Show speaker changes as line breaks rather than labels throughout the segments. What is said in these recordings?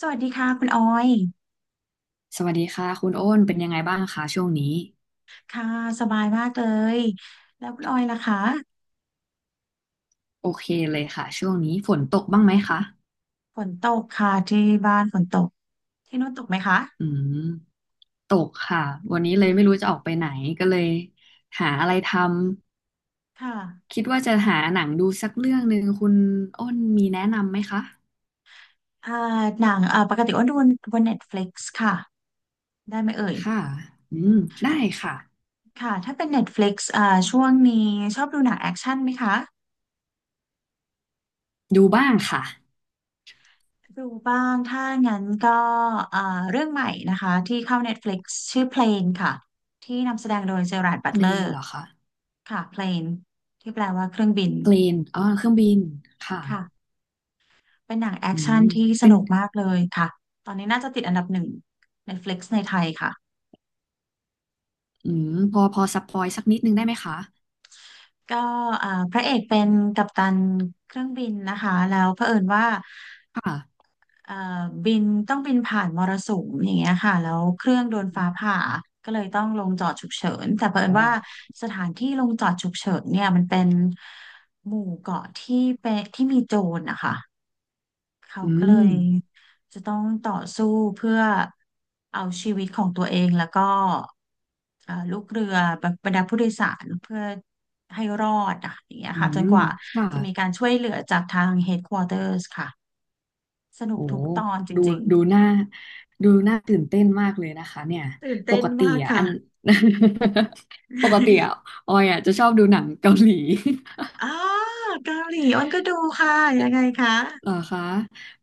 สวัสดีค่ะคุณออย
สวัสดีค่ะคุณโอ้นเป็นยังไงบ้างคะช่วงนี้
ค่ะสบายมากเลย แล้วคุณออยล่ะคะ
โอเคเลยค่ะช่วงนี้ฝนตกบ้างไหมคะ
ฝนตกค่ะที่บ้านฝนตก ที่นู้นตกไหมคะ
อืมตกค่ะวันนี้เลยไม่รู้จะออกไปไหนก็เลยหาอะไรทำ
ค่ะ
คิดว่าจะหาหนังดูสักเรื่องหนึ่งคุณโอ้นมีแนะนำไหมคะ
อ่าหนังปกติอ้วนดูบน Netflix ค่ะ ได้ไหมเอ่ย
ค่ะอืมได้ค่ะ
ค่ะถ้าเป็น Netflix ช่วงนี้ชอบดูหนังแอคชั่นไหมคะ
ดูบ้างค่ะ
ดูบ้าง ถ้างั้นก็อ่าเรื่องใหม่นะคะที่เข้า Netflix ชื่อ Plane ค่ะ ที่นำแสดงโดยเจอราร์ดบั
เพ
ต
ล
เลอ
ง
ร์
เหรอคะ
ค่ะ Plane ที่แปลว่าเครื่องบิน
เพลนอ๋อเครื่องบินค่ะ
ค่ะ เป็นหนังแอ
อื
คชั่น
ม
ที่ส
เป็น
นุกมากเลยค่ะตอนนี้น่าจะติดอันดับหนึ่ง Netflix ในไทยค่ะ
อืมพอพอสปอยสักนิดนึงได้ไหมคะ
ก็พระเอกเป็นกัปตันเครื่องบินนะคะแล้วเผอิญว่า
ค่ะ
เอ่อบินต้องบินผ่านมรสุมอย่างเงี้ยค่ะแล้วเครื่องโดนฟ้าผ่าก็เลยต้องลงจอดฉุกเฉินแต่เผอิญ
โอ้
ว่าสถานที่ลงจอดฉุกเฉินเนี่ยมันเป็นหมู่เกาะที่เป็นที่มีโจรนะคะ เขา
อื
ก็เล
ม
ยจะต้องต่อสู้เพื่อเอาชีวิตของตัวเองแล้วก็ลูกเรือบรรดาผู้โดยสารเพื่อให้รอดอ่ะอย่างเงี้ย
อื
ค่ะจนก
ม
ว่า
ค่ะ
จะมีการช่วยเหลือจากทาง headquarters ค่ะสนุก
โอ้
ทุกตอนจ
ดู
ริง
ดูหน้าดูหน้าตื่นเต้นมากเลยนะคะเนี่ย
ๆตื่น
ป
เต้น
กติ
มาก
อ่ะอั
ค่ะ
น ปกติอ่ะ ออยอ่ะจะชอบดูหนังเกาหลี
อ๋อเกาหลีอ้นก็ดูค่ะยังไงคะ
เหรอคะ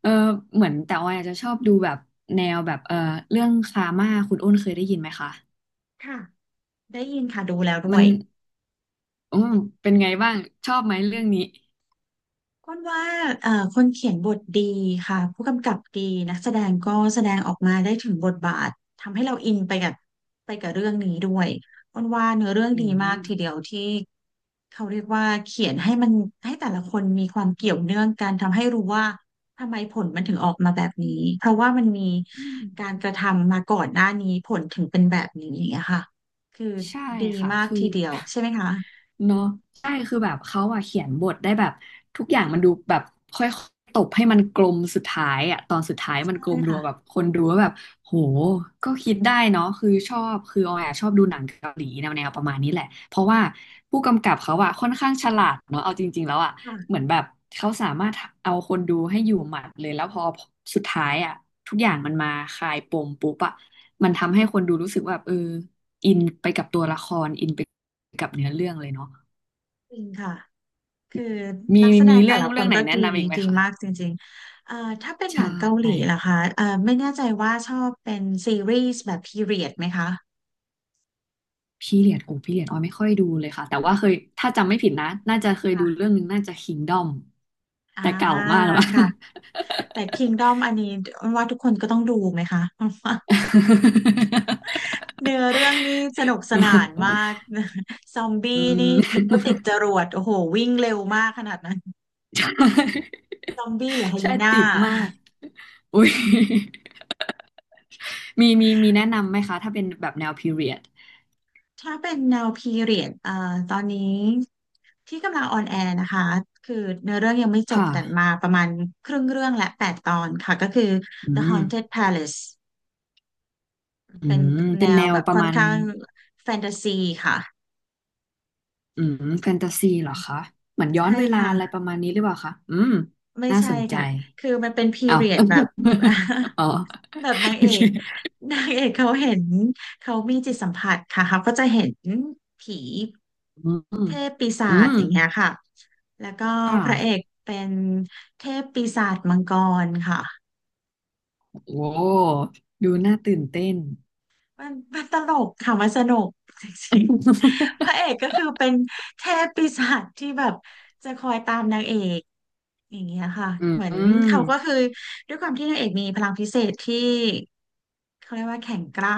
เออเหมือนแต่ออยอาจจะชอบดูแบบแนวแบบเรื่องคาม่าคุณอ้นเคยได้ยินไหมคะ
ค่ะได้ยินค่ะดูแล้วด้
มั
ว
น
ย
อืมเป็นไงบ้างชอบไหมเรื่องนี้
ก้นว่าคนเขียนบทดีค่ะผู้กำกับดีนักแสดงก็แสดงออกมาได้ถึงบทบาททำให้เราอินไปกับเรื่องนี้ด้วยก้นว่าเนื้อเรื่อง
อื
ดีมากทีเดี
ม
ยวที่เขาเรียกว่าเขียนให้มันให้แต่ละคนมีความเกี่ยวเนื่องกันทำให้รู้ว่าทำไมผลมันถึงออกมาแบบนี้เพราะว่ามันมี
อืม
การกระทำมาก่อนหน้านี้ผลถึงเป็นแบบนี้อย่างเงี้ยค่ะคือ
ใช่
ดี
ค่ะ
มาก
คือ
ทีเดียวใช่ไหมคะ
เนาะใช่คือแบบเขาอะเขียนบทได้แบบทุกอย่างมันดูแบบค่อยๆตบให้มันกลมสุดท้ายอะตอนสุดท้ายมัน
ใช่
กลมดู
ค่ะ
แบบคนดูว่าแบบโหก็คิดได้เนาะคือชอบคือออยอะชอบดูหนังเกาหลีแนวประมาณนี้แหละเพราะว่าผู้กำกับเขาอะค่อนข้างฉลาดเนาะเอาจริงๆแล้วอะเหมื
ค่ะ
อนแบบเขาสามารถเอาคนดูให้อยู่หมัดเลยแล้วพอสุดท้ายอะทุกอย่างมันมาคลายปมปุ๊บอะมันทำให้คนดูรู้สึกว่าแบบเออ อินไปกับตัวละครอินไปกับเนื้อเรื่องเลยเนาะ
จริงค่ะ คือ
มี
นักแสด
มี
งแต่
เรื่อง
ละคน
ไหน
ก็
แนะ
ดี
นำอีกไหม
ดี
คะ
มากจริงๆถ้าเป็น
ใช
หนังเกาหลี
่
ล่ะคะไม่แน่ใจว่าชอบเป็นซีรีส์แบบพีเรียดไหมคะ
พี่เลียดโอ้พี่เลียดออยไม่ค่อยดูเลยค่ะแต่ว่าเคย
ไม่
ถ้า
ค่อ
จำ
ย
ไม่ผิดนะน่าจะเคยดูเรื่อ
ค่ะ
งหนึงน่าจะ Kingdom
อ่า
แต่เก่ามากแล้ว
ค่ะ แต่ Kingdom อันนี้ว่าทุกคนก็ต้องดูไหมคะ เนื้อเรื่องนี่สนุกสนานมาก ซอมบี้
อื
นี่
ม
นึกว่าติดจ รวดโอ้โหวิ่งเร็วมากขนาดนั้น
ใช่
ซอมบี้หรือไฮยีน่า
ติดมากอุ้ยมีแนะนำไหมคะถ้าเป็นแบบแนวพีเรียด
ถ้าเป็นแนวพีเรียดตอนนี้ที่กำลังออนแอร์นะคะคือเนื้อเรื่องยังไม่จบ
ค่ะ
แต่มาประมาณครึ่งเรื่องและแปดตอนค่ะก็คือ
อื
The
ม
Haunted Palace
อื
เป็น
ม
แน
เป็นแน
ว
ว
แบบ
ประ
ค่อน
มาณ
ข้างแฟนตาซีค่ะ
อืมแฟนตาซีเหรอคะเหมือนย้อน
ใช่
เวลา
ค่ะ
อะไรประมาณนี้หรือเปล่าคะอืม
ไม่
น่า
ใช่
สนใจ
ค่ะคือมันเป็นพี
เอ
เรีย
า
ดแบบ
อ๋อ
แบบนาง
โอ
เอ
เค
ก นางเอกเขาเห็นเขามีจิตสัมผัสค่ะเขาก็จะเห็นผี
อื
เท
ม
พปีศา
อื
จ
ม
อย่างเงี้ยค่ะแล้วก็
ค่ะ
พระเอกเป็นเทพปีศาจมังกรค่ะ
โอ้ดูน่าตื่นเต้น
มันมันตลกค่ะมันสนุกจริงๆพระเอ กก็คือเป็นเทพปีศาจที่แบบจะคอยตามนางเอกอย่างเงี้ยค่ะ
อื
เหมือนเขา
ม
ก็คือด้วยความที่นางเอกมีพลังพิเศษที่ เขาเรียกว่าแข่งกล้า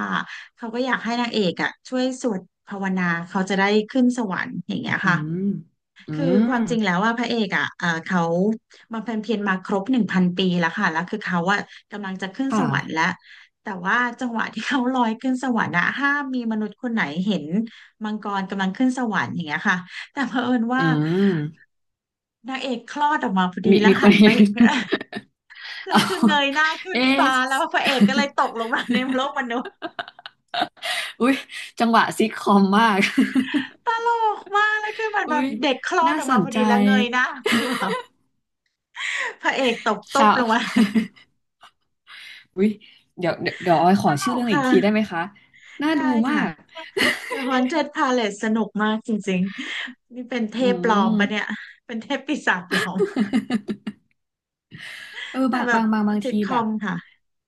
เขาก็อยากให้นางเอกอ่ะช่วยสวดภาวนาเขาจะได้ขึ้นสวรรค์อย่างเงี้ย
อื
ค่ะ
มอื
คือค
ม
วามจริงแล้วว่าพระเอกอ่ะเขาบำเพ็ญเพียรมาครบหนึ่งพันปีแล้วค่ะแล้วคือเขาอ่ะกำลังจะขึ้นส
ค่ะ
วรรค์แล้วแต่ว่าจังหวะที่เขาลอยขึ้นสวรรค์อะห้ามมีมนุษย์คนไหนเห็นมังกรกำลังขึ้นสวรรค์อย่างเงี้ยค่ะแต่เผอิญ
อื
ว่า
ม
นางเอกคลอดออกมาพอดีแล้ว
ค
หั
น
น ไป
เห็น
แล้
เอา
วคือเงยหน้าขึ้
เอ๊
นฟ้า
ะ
แล้วพระเอกก็เลยตกลงมาในโลกมนุ
อุ้ยจังหวะซิทคอมมาก
ตลกมากแล้วคือเหมัน
อุ้
แบบ
ย
เด็กคลอด
น่า
ออก
ส
มา
น
พอ
ใจ
ดีแล้วเงยหน้า คือแบบพระเอกตกตุ๊บ
ค่ะ
ลงมา
อุ้ยเดี๋ยวออยข
ต
อ
ล
ชื่อ
ก
เรื่องอีกทีได้ไหม
ค่ะ
คะ น่า
ได้
ดูมา
ค่ะ
ก
The Haunted Palace สนุกมากจริงๆนี่เป็นเท
อื
พปลอม
ม
ปะเนี่ย เป็นเทพปีศาจปลอม
เออ
แต่แบบ
บาง
ซิท
ที
คอ
แบบ
มค่ะ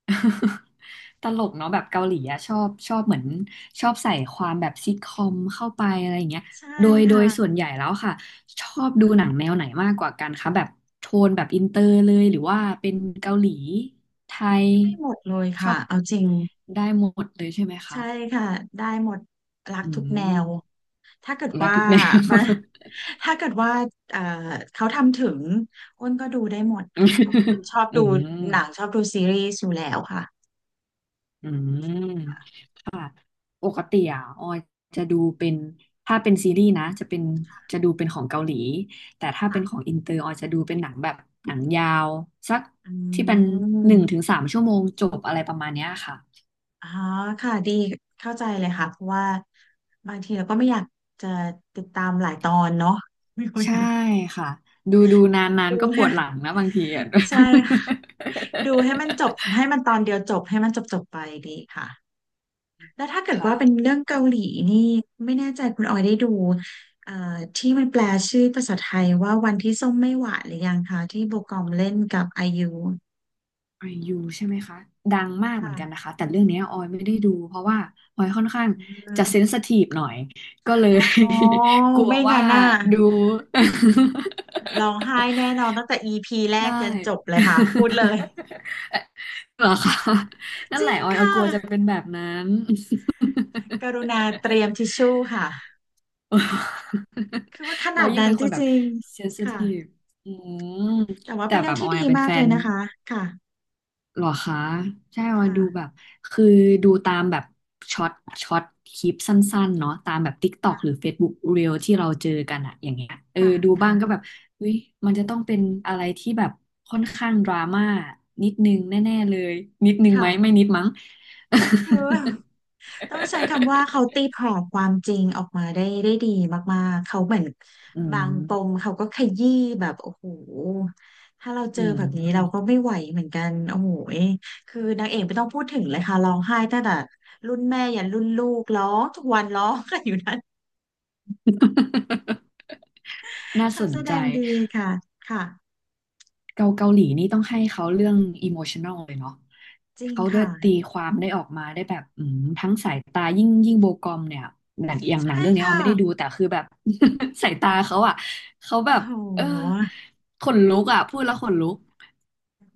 ตลกเนาะแบบเกาหลีอะชอบเหมือน ชอบใส่ความแบบซิทคอมเข้าไป อะไรอย่างเงี้ย
ใช่
โดยส่วน
ค่ะ
ใหญ่แล้วค่ะ ชอบดูหนังแนวไหนมากกว่ากันคะ แบบ โทนแบบอินเตอร์เลย หรือว่าเป็นเกาหลีไทย
ไม่หมดเลย
ชอ
ค่ะ
บ
เอาจริง
ได้หมดเลยใช่ไหม
ใช่
คะ
ค่ะได้หมดรัก
อื
ทุกแน
ม
ว ถ้าเกิด
รัก
ว่า
ทุกแนว
มันถ้าเกิดว่าเอ่อเขาทำถึงอ้นก็ดูได้หมด
อ
ค่ะเพราะว่าคุณ
ื
ชอบดูหนั
ม
งชอบดูซีรีส์อยู่แล้วค่ะ
อืมค่ะปกติอ่ะออยจะดูเป็นถ้าเป็นซีรีส์นะจะเป็นจะดูเป็นของเกาหลีแต่ถ้าเป็นของ
ค่ะ
อินเตอร์ออยจะดูเป็นหนังแบบหนังยาวสัก
อื
ที่เป็นหนึ่ง
ม
ถึงสามชั่วโมงจบอะไรประมาณเนี้ยค่ะ
อ๋อค่ะดีเข้าใจเลยค่ะเพราะว่าบางทีเราก็ไม่อยากจะติดตามหลายตอนเนาะ ไม่ค่อย
ใช่ค่ะ ดูนาน
ดู
ๆก็ป
ให้
วดห ลังนะบางทีอ่ะ
ใช่ค่ะดูให้มันจบให้มันตอนเดียวจบให้มันจบจบไปดีค่ะ แล้วถ้าเกิ ด
ค่ะ
ว่าเป็นเรื่องเกาหลีนี่ไม่แน่ใจคุณออยได้ดูเอ่อที่มันแปลชื่อภาษาไทยว่าวันที่ส้มไม่หวานหรือยังคะที่โบกอมเล่นกับไอยู
ไอยูใช่ไหมคะดังมากเหมือนกันนะ
ค่ะ
คะแต่เรื่องเนี้ยออยไม่ได้ดูเพราะว่าออยค่อนข้าง
อื
จะเซน
ม
ซิทีฟหน่อยก็เลย
อ๋อ
กลัว
ไม่
ว่า
งั้นน่ะ
ดู
ร้องไห้แน่นอนตั้งแต่ EP แรก
ใช่
ยันจบเลยค่ะพูดเลย
เหรอคะนั่
จ
นแห
ริ
ละ
ง
ออย
ค่ะ
กลัวจะเป็นแบบนั้น
กรุณาเตรียมทิชชู่ค่ะ คือว่าข
เรา
นาด
ยิ่ง
นั้น
เป็น
จ
คนแบบ
ริง
เซนซิ
ๆค่ะ
ทีฟอืม
แต่ว่า
แต่
เป็น
แบ
เรื่อง
บอ
ที่
อย
ดี
อะเป็น
มา
แฟ
กเลย
น
นะคะค่ะ
เหรอคะใช่ว่าดูแบ
ค่ะ
บคือดูตามแบบช็อตช็อตคลิปสั้นๆเนาะตามแบบ TikTok หรือ
ค่ะ
Facebook Reel ที่เราเจอกันอะอย่างเงี้ยเออ
ค่ะ
ดูบ้างก็
ค่ะ
แบบเฮ้ยมันจะต้องเป็นอะไรที่แบบค่อนข้างดราม่านิดนึงแน่ๆเลยนิดนึงไหมไม่
ค่ะ
นิดมั้ง
คือ ต้องใช้คำว่าเขาตีแผ่ความจริงออกมาได้ดีมากๆ เขาเหมือน
อื
บาง
ม
ปมเขาก็ขยี้แบบโอ้โหถ้าเราเจ
อื
อแบบนี้เราก็
ม
ไม่ไหวเหมือนกัน โอ้โหยคือนางเอกไม่ต้องพูดถึงเลยค่ะร้องไห้ตั้งแต่รุ่นแม่ยันรุ่นลูกร้องทุกวันร้องกันอยู่นั้น
น่าส
เขา
น
แสด
ใจ
งดีค่ะ ค่ะ
เกาหลีนี่ต้องให้เขาเรื่องอิโมชัน a ลเลยเนาะ
จริง
เขาได้
ค่ะ
ตีความออกมาได้แบบอืมทั้งสายตายิ่งโบกอมเนี่ยหนังอย่างหนั
ใช่
งเรื่องนี้ออ
ค่ะ
มไม่ได้ดูแต่คือแบบ สายตาเขาอ่ะเขาแบ
โอ้
บ
โ
เออ
ห
ขนลุกอ่ะพูดแล้วขนลุก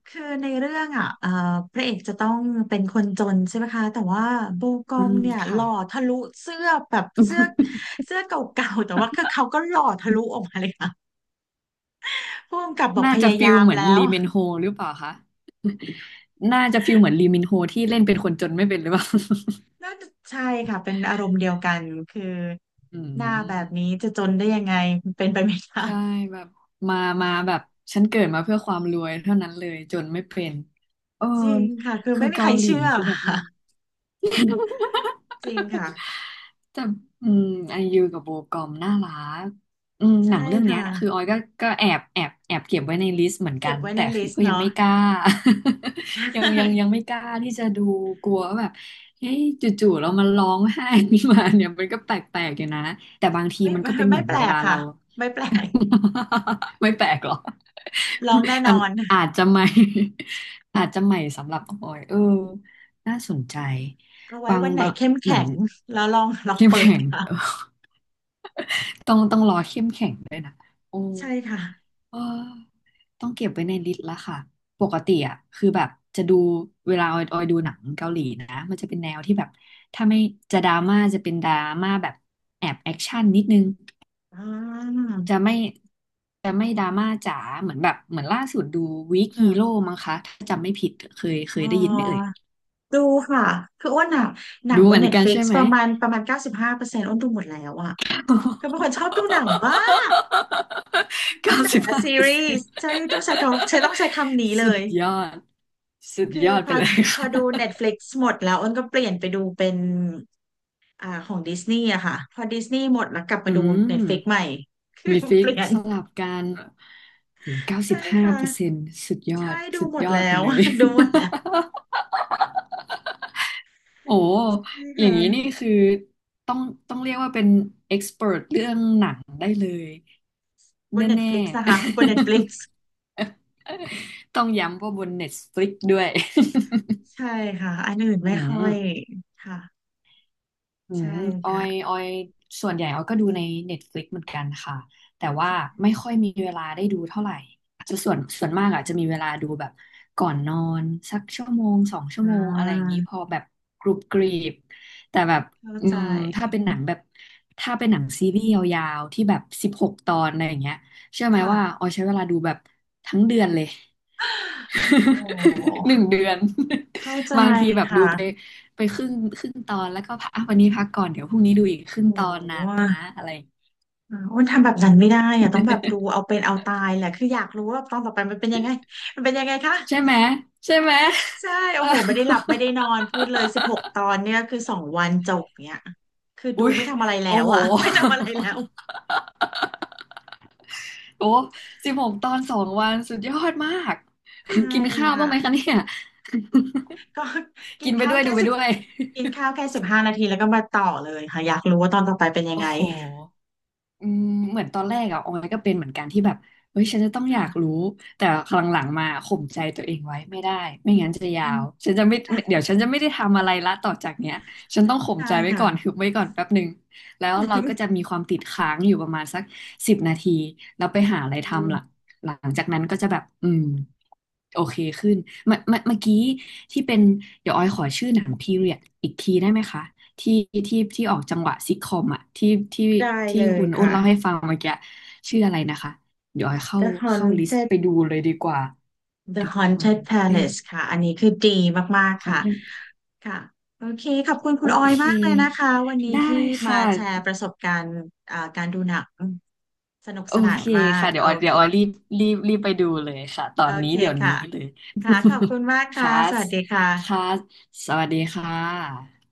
คือในเรื่องอ่ะพระเอกจะต้องเป็นคนจนใช่ไหมคะแต่ว่าโบกอ
อื
ม
ม
เนี่ยห
ค่ะ
ล่อทะลุเสื้อแบบเสื้อ เสื้อเก่าๆแต่ว่าคือเขาก็หล่อทะลุออกมาเลยค่ะผู้กำกับบอก
น่า
พ
จะ
ยา
ฟิ
ยา
ล
ม
เหมือน
แล้ว
ลีเมนโฮหรือเปล่าคะน่าจะฟิลเหมือนลีมินโฮที่เล่นเป็นคนจนไม่เป็นหรือเปล่า
น่าจะใช่ค่ะเป็นอารมณ์เดียวกันคือ
อื
หน้าแบบ
ม
นี้จะจนได้ยังไงเป็นไปไม่ได้
ใช่แบบมาแบบฉันเกิดมาเพื่อความรวยเท่านั้นเลยจนไม่เป็นเออ
จริงค่ะ คือ
คือ
ไม่มีใค
เกา
ร
หลี
เชื่อ
คือแบบอื
ค่ะ
ม
จริงค่ะ
แต่อืมไอยูกับโบกอมน่ารักอืมห
ใช่
นังเรื่องเนี้
ค่ะ
ยคือออยก็ก็แอบเก็บไว้ในลิสต์เหมือนกั
เก็บ
น
ไว้ใน
แต่
ลิ
คือ
ส
ก็
ต์
ยัง
เนาะ
ไม่กล้า ยังไม่กล้าที่จะดูกลัวว่าแบบเฮ้ยจู่ๆเรามาร้องไห้ขึ้นมาเนี่ยมันก็แปลกๆอยู่นะแต่บางที
ไม่
มัน
ไม่
ก็เป็นเห
ไม่
มือน
แปล
เว
ก
ลา
ค่ะ
เรา
ไม่แปลก
ไม่แปลกหรอก
ร้องแน่น
อั
อ
น
น
อาจจะใหม่ อาจจะใหม่สำหรับออยเออน่าสนใจ
เอาไว้
บาง
วันไหน
บาง
เข้ม
เหมือ
แข็
น
งแล้วลอง ลอง
เข้ม
เปิด
แข็ง เออ
ค่ะ
ต้องรอเข้มแข็งโอ้
ใช่ค่ะ
เออต้องเก็บไว้ในลิสต์ละค่ะปกติอ่ะคือแบบจะดูเวลาออยดูหนังเกาหลีนะมันจะเป็นแนวที่แบบถ้าไม่จะดราม่าจะเป็นดราม่าแบบแอบแอคชั่นนิดนึง
อ่า
จะไม่จะไม่ดราม่าจ๋าเหมือนแบบเหมือนล่าสุดดูวีคฮีโร่
ค่ะ
มั้งคะถ้าจำไม่ผิดเคยเค
อ๋
ยได้ยินไหมเอ่ย
อดูค่ะคืออ้วนอะหนัง
ดู
บ
เห
น
มือน
เน็ต
กั
ฟ
น
ลิก
ใช่
ซ์
ไหม
ประมาณ95%อ้วนดูหมดแล้วอะก็เป็นคนชอบดูหนังมาก ทั้
เก้า
งหนั
สิ
ง
บ
และ
ห้า
ซี
เปอร์
รี
เซ็น
ส์
ต์
ใช่ต้องใช้คำใช้ต้องใช้คำนี้เล
สุด
ย
ยอดสุด
คื
ย
อ
อด
พ
ไป
อ
เลย
พอ
ค่
ดู
ะ
Netflix หมดแล้วอ้นก็เปลี่ยนไปดูเป็นอ่าของดิสนีย์อะค่ะพอดิสนีย์หมดแล้วกลับมา
อื
ดู
ม
Netflix ใหม่ คือ
มีฟิ
เป
ก
ลี่ยน
สลับกันโหเก้าสิ
ใช่
บห้าเปอร์เซ็
ค่ะ
นต์สุดยอ
ใช่
ด
ดู
สุด
หมด
ยอด
แล้
ไป
ว
เลย
ดูหมดแล้ว
โอ้
ใช่
อย่าง
ค่ะ
นี้นี่คือต้องต้องเรียกว่าเป็นเอ็กซ์เ เรื่องหนังได้เลย
บน n e t f ฟ
แน่
ลิกซ์นะคะบน NETF ฟลิกซ์
ๆ ต้องย้ำว่าบน Netflix ด้วย
ใช่ค่ะอันอื่น
อื
ไม่ค่อ
ม
ยค่ะ
อื
ใช่
มออ
ค่ะ
ยออยส่วนใหญ่ออยก็ดูใน Netflix เหมือนกันค่ะ แต่ว่าไม่ค่อยมีเวลาได้ดูเท่าไหร่จะส่วนมากอาจจะมีเวลาดูแบบก่อนนอนสักชั่วโมงสองชั่
อ่
วโมงอะไรอย่างนี้พอ
า
แบบกรุบกรีบแต่แบบ
เข้า
อื
ใจ
มถ้าเป็นหนังแบบถ้าเป็นหนังซีรีส์ยาวๆที่แบบสิบหกตอนอะไรอย่างเงี้ยเชื่อไหมว่า
ค่ะ
ออยใช้เวลาดูแบบทั้งเดือนเลย
โอ้
1 เดือน
เข้าใจ
บางทีแบบดู
ค่ะ
ไปไปครึ่งตอนแล้วก็พักอ่ะวันนี้พักก่อนเดี๋ยวพรุ่งนี้ดูอีกครึ่ง
โอ้
ตอนนะ
ห
อะไร
อ่าอ้วนทำแบบนั้นไม่ได้อะต้องแบบดู เอาเป็นเอาตายแหละคืออยากรู้ว่าตอนต่อไปมันเป็นยังไงมันเป็นยังไงคะ
ใช่ไหมใช่ไหม
ใช่
เอ
โอ้
อ
โหไม่ได้หลับไม่ได้นอนพูดเลย16 ตอนเนี่ยคือสองวันจบเนี่ยคือ ดู
อุ๊ย
ไม่ทำอะไรแล้
โอ้
ว
โห
อะ ไม่ทำอะไรแล้ว
โอ้16 ตอน2 วันสุดยอดมาก
ใช่
กินข้าว
ค่ะ
บ้างไหมคะเนี่ย
ก็ กิ
กิ
น
นไป
ข้าว
ด้วย
แค่
ดูไป
สิบ
ด้วย
กินข้า วแค่15 นาทีแล้วก็มาต่อเลยค่ะอยากรู้ว่าตอนต่อไปเป็นยัง
โอ้
ไง
โห อืมเหมือนตอนแรกอะออยก็เป็นเหมือนกันที่แบบเฮ้ยฉันจะต้องอยาก
ค่ะ
รู้แต่ครั้งหลังมาข่มใจตัวเองไว้ไม่ได้ไม่งั้นจะยา
อื
ว
ม
ฉันจะไม่เดี๋ยวฉันจะไม่ได้ทำอะไรละต่อจากเนี้ยฉันต้องข่ม
ใช่
ใจไว้
ค่ะ
ก่อนฮึบไว้ก่อนแป๊บหนึ่งแล้วเราก็จะ มีความติดค้างอยู่ประมาณสัก10 นาทีแล้วไปหาอะไร
อื
ทำหลั
ม
งหลังจากนั้นก็จะแบบอืมโอเคขึ้นเมื่อกี้ที่เป็นเดี๋ยวออยขอชื่อหนังพีเรียดอีกทีได้ไหมคะ ที่ที่ออกจังหวะซิทคอมอ่ะที่
ได้
ที่
เลย
คุณอ้น
ค่ะ
เล่าให้ฟังเมื่อกี้ชื่ออะไรนะคะเดี๋ยวเข้า
The
เข้าลิสต์
Haunted
ไปดูเลยดีกว่า
The
เดี๋ยวคอน
Haunted
เล่น
Palace
ต์
ค่ะอันนี้คือดีมาก
ค
ๆ
อน
ค่ะ
เล่นต์
ค่ะโอเคขอบคุณคุ
โอ
ณออย
เค
มากเลยนะคะวันนี้
ได้
ที่มา
ค่ะ
แชร์ประสบการณ์อ่าการดูหนังสนุก
โอ
สนาน
เค
มาก
ค่ะเดี๋ยว
โอ
ออยเดี๋
เค
ยวออยรีบไปดูเลยค่ะตอ
โอ
นนี้
เค
เดี๋ยวนี้
ค่ะ
เลย
ค่ะขอบคุณมาก ค่ะ
ค่ะ
สวัสดีค่ะ
ค่ะสวัสดีค่ะ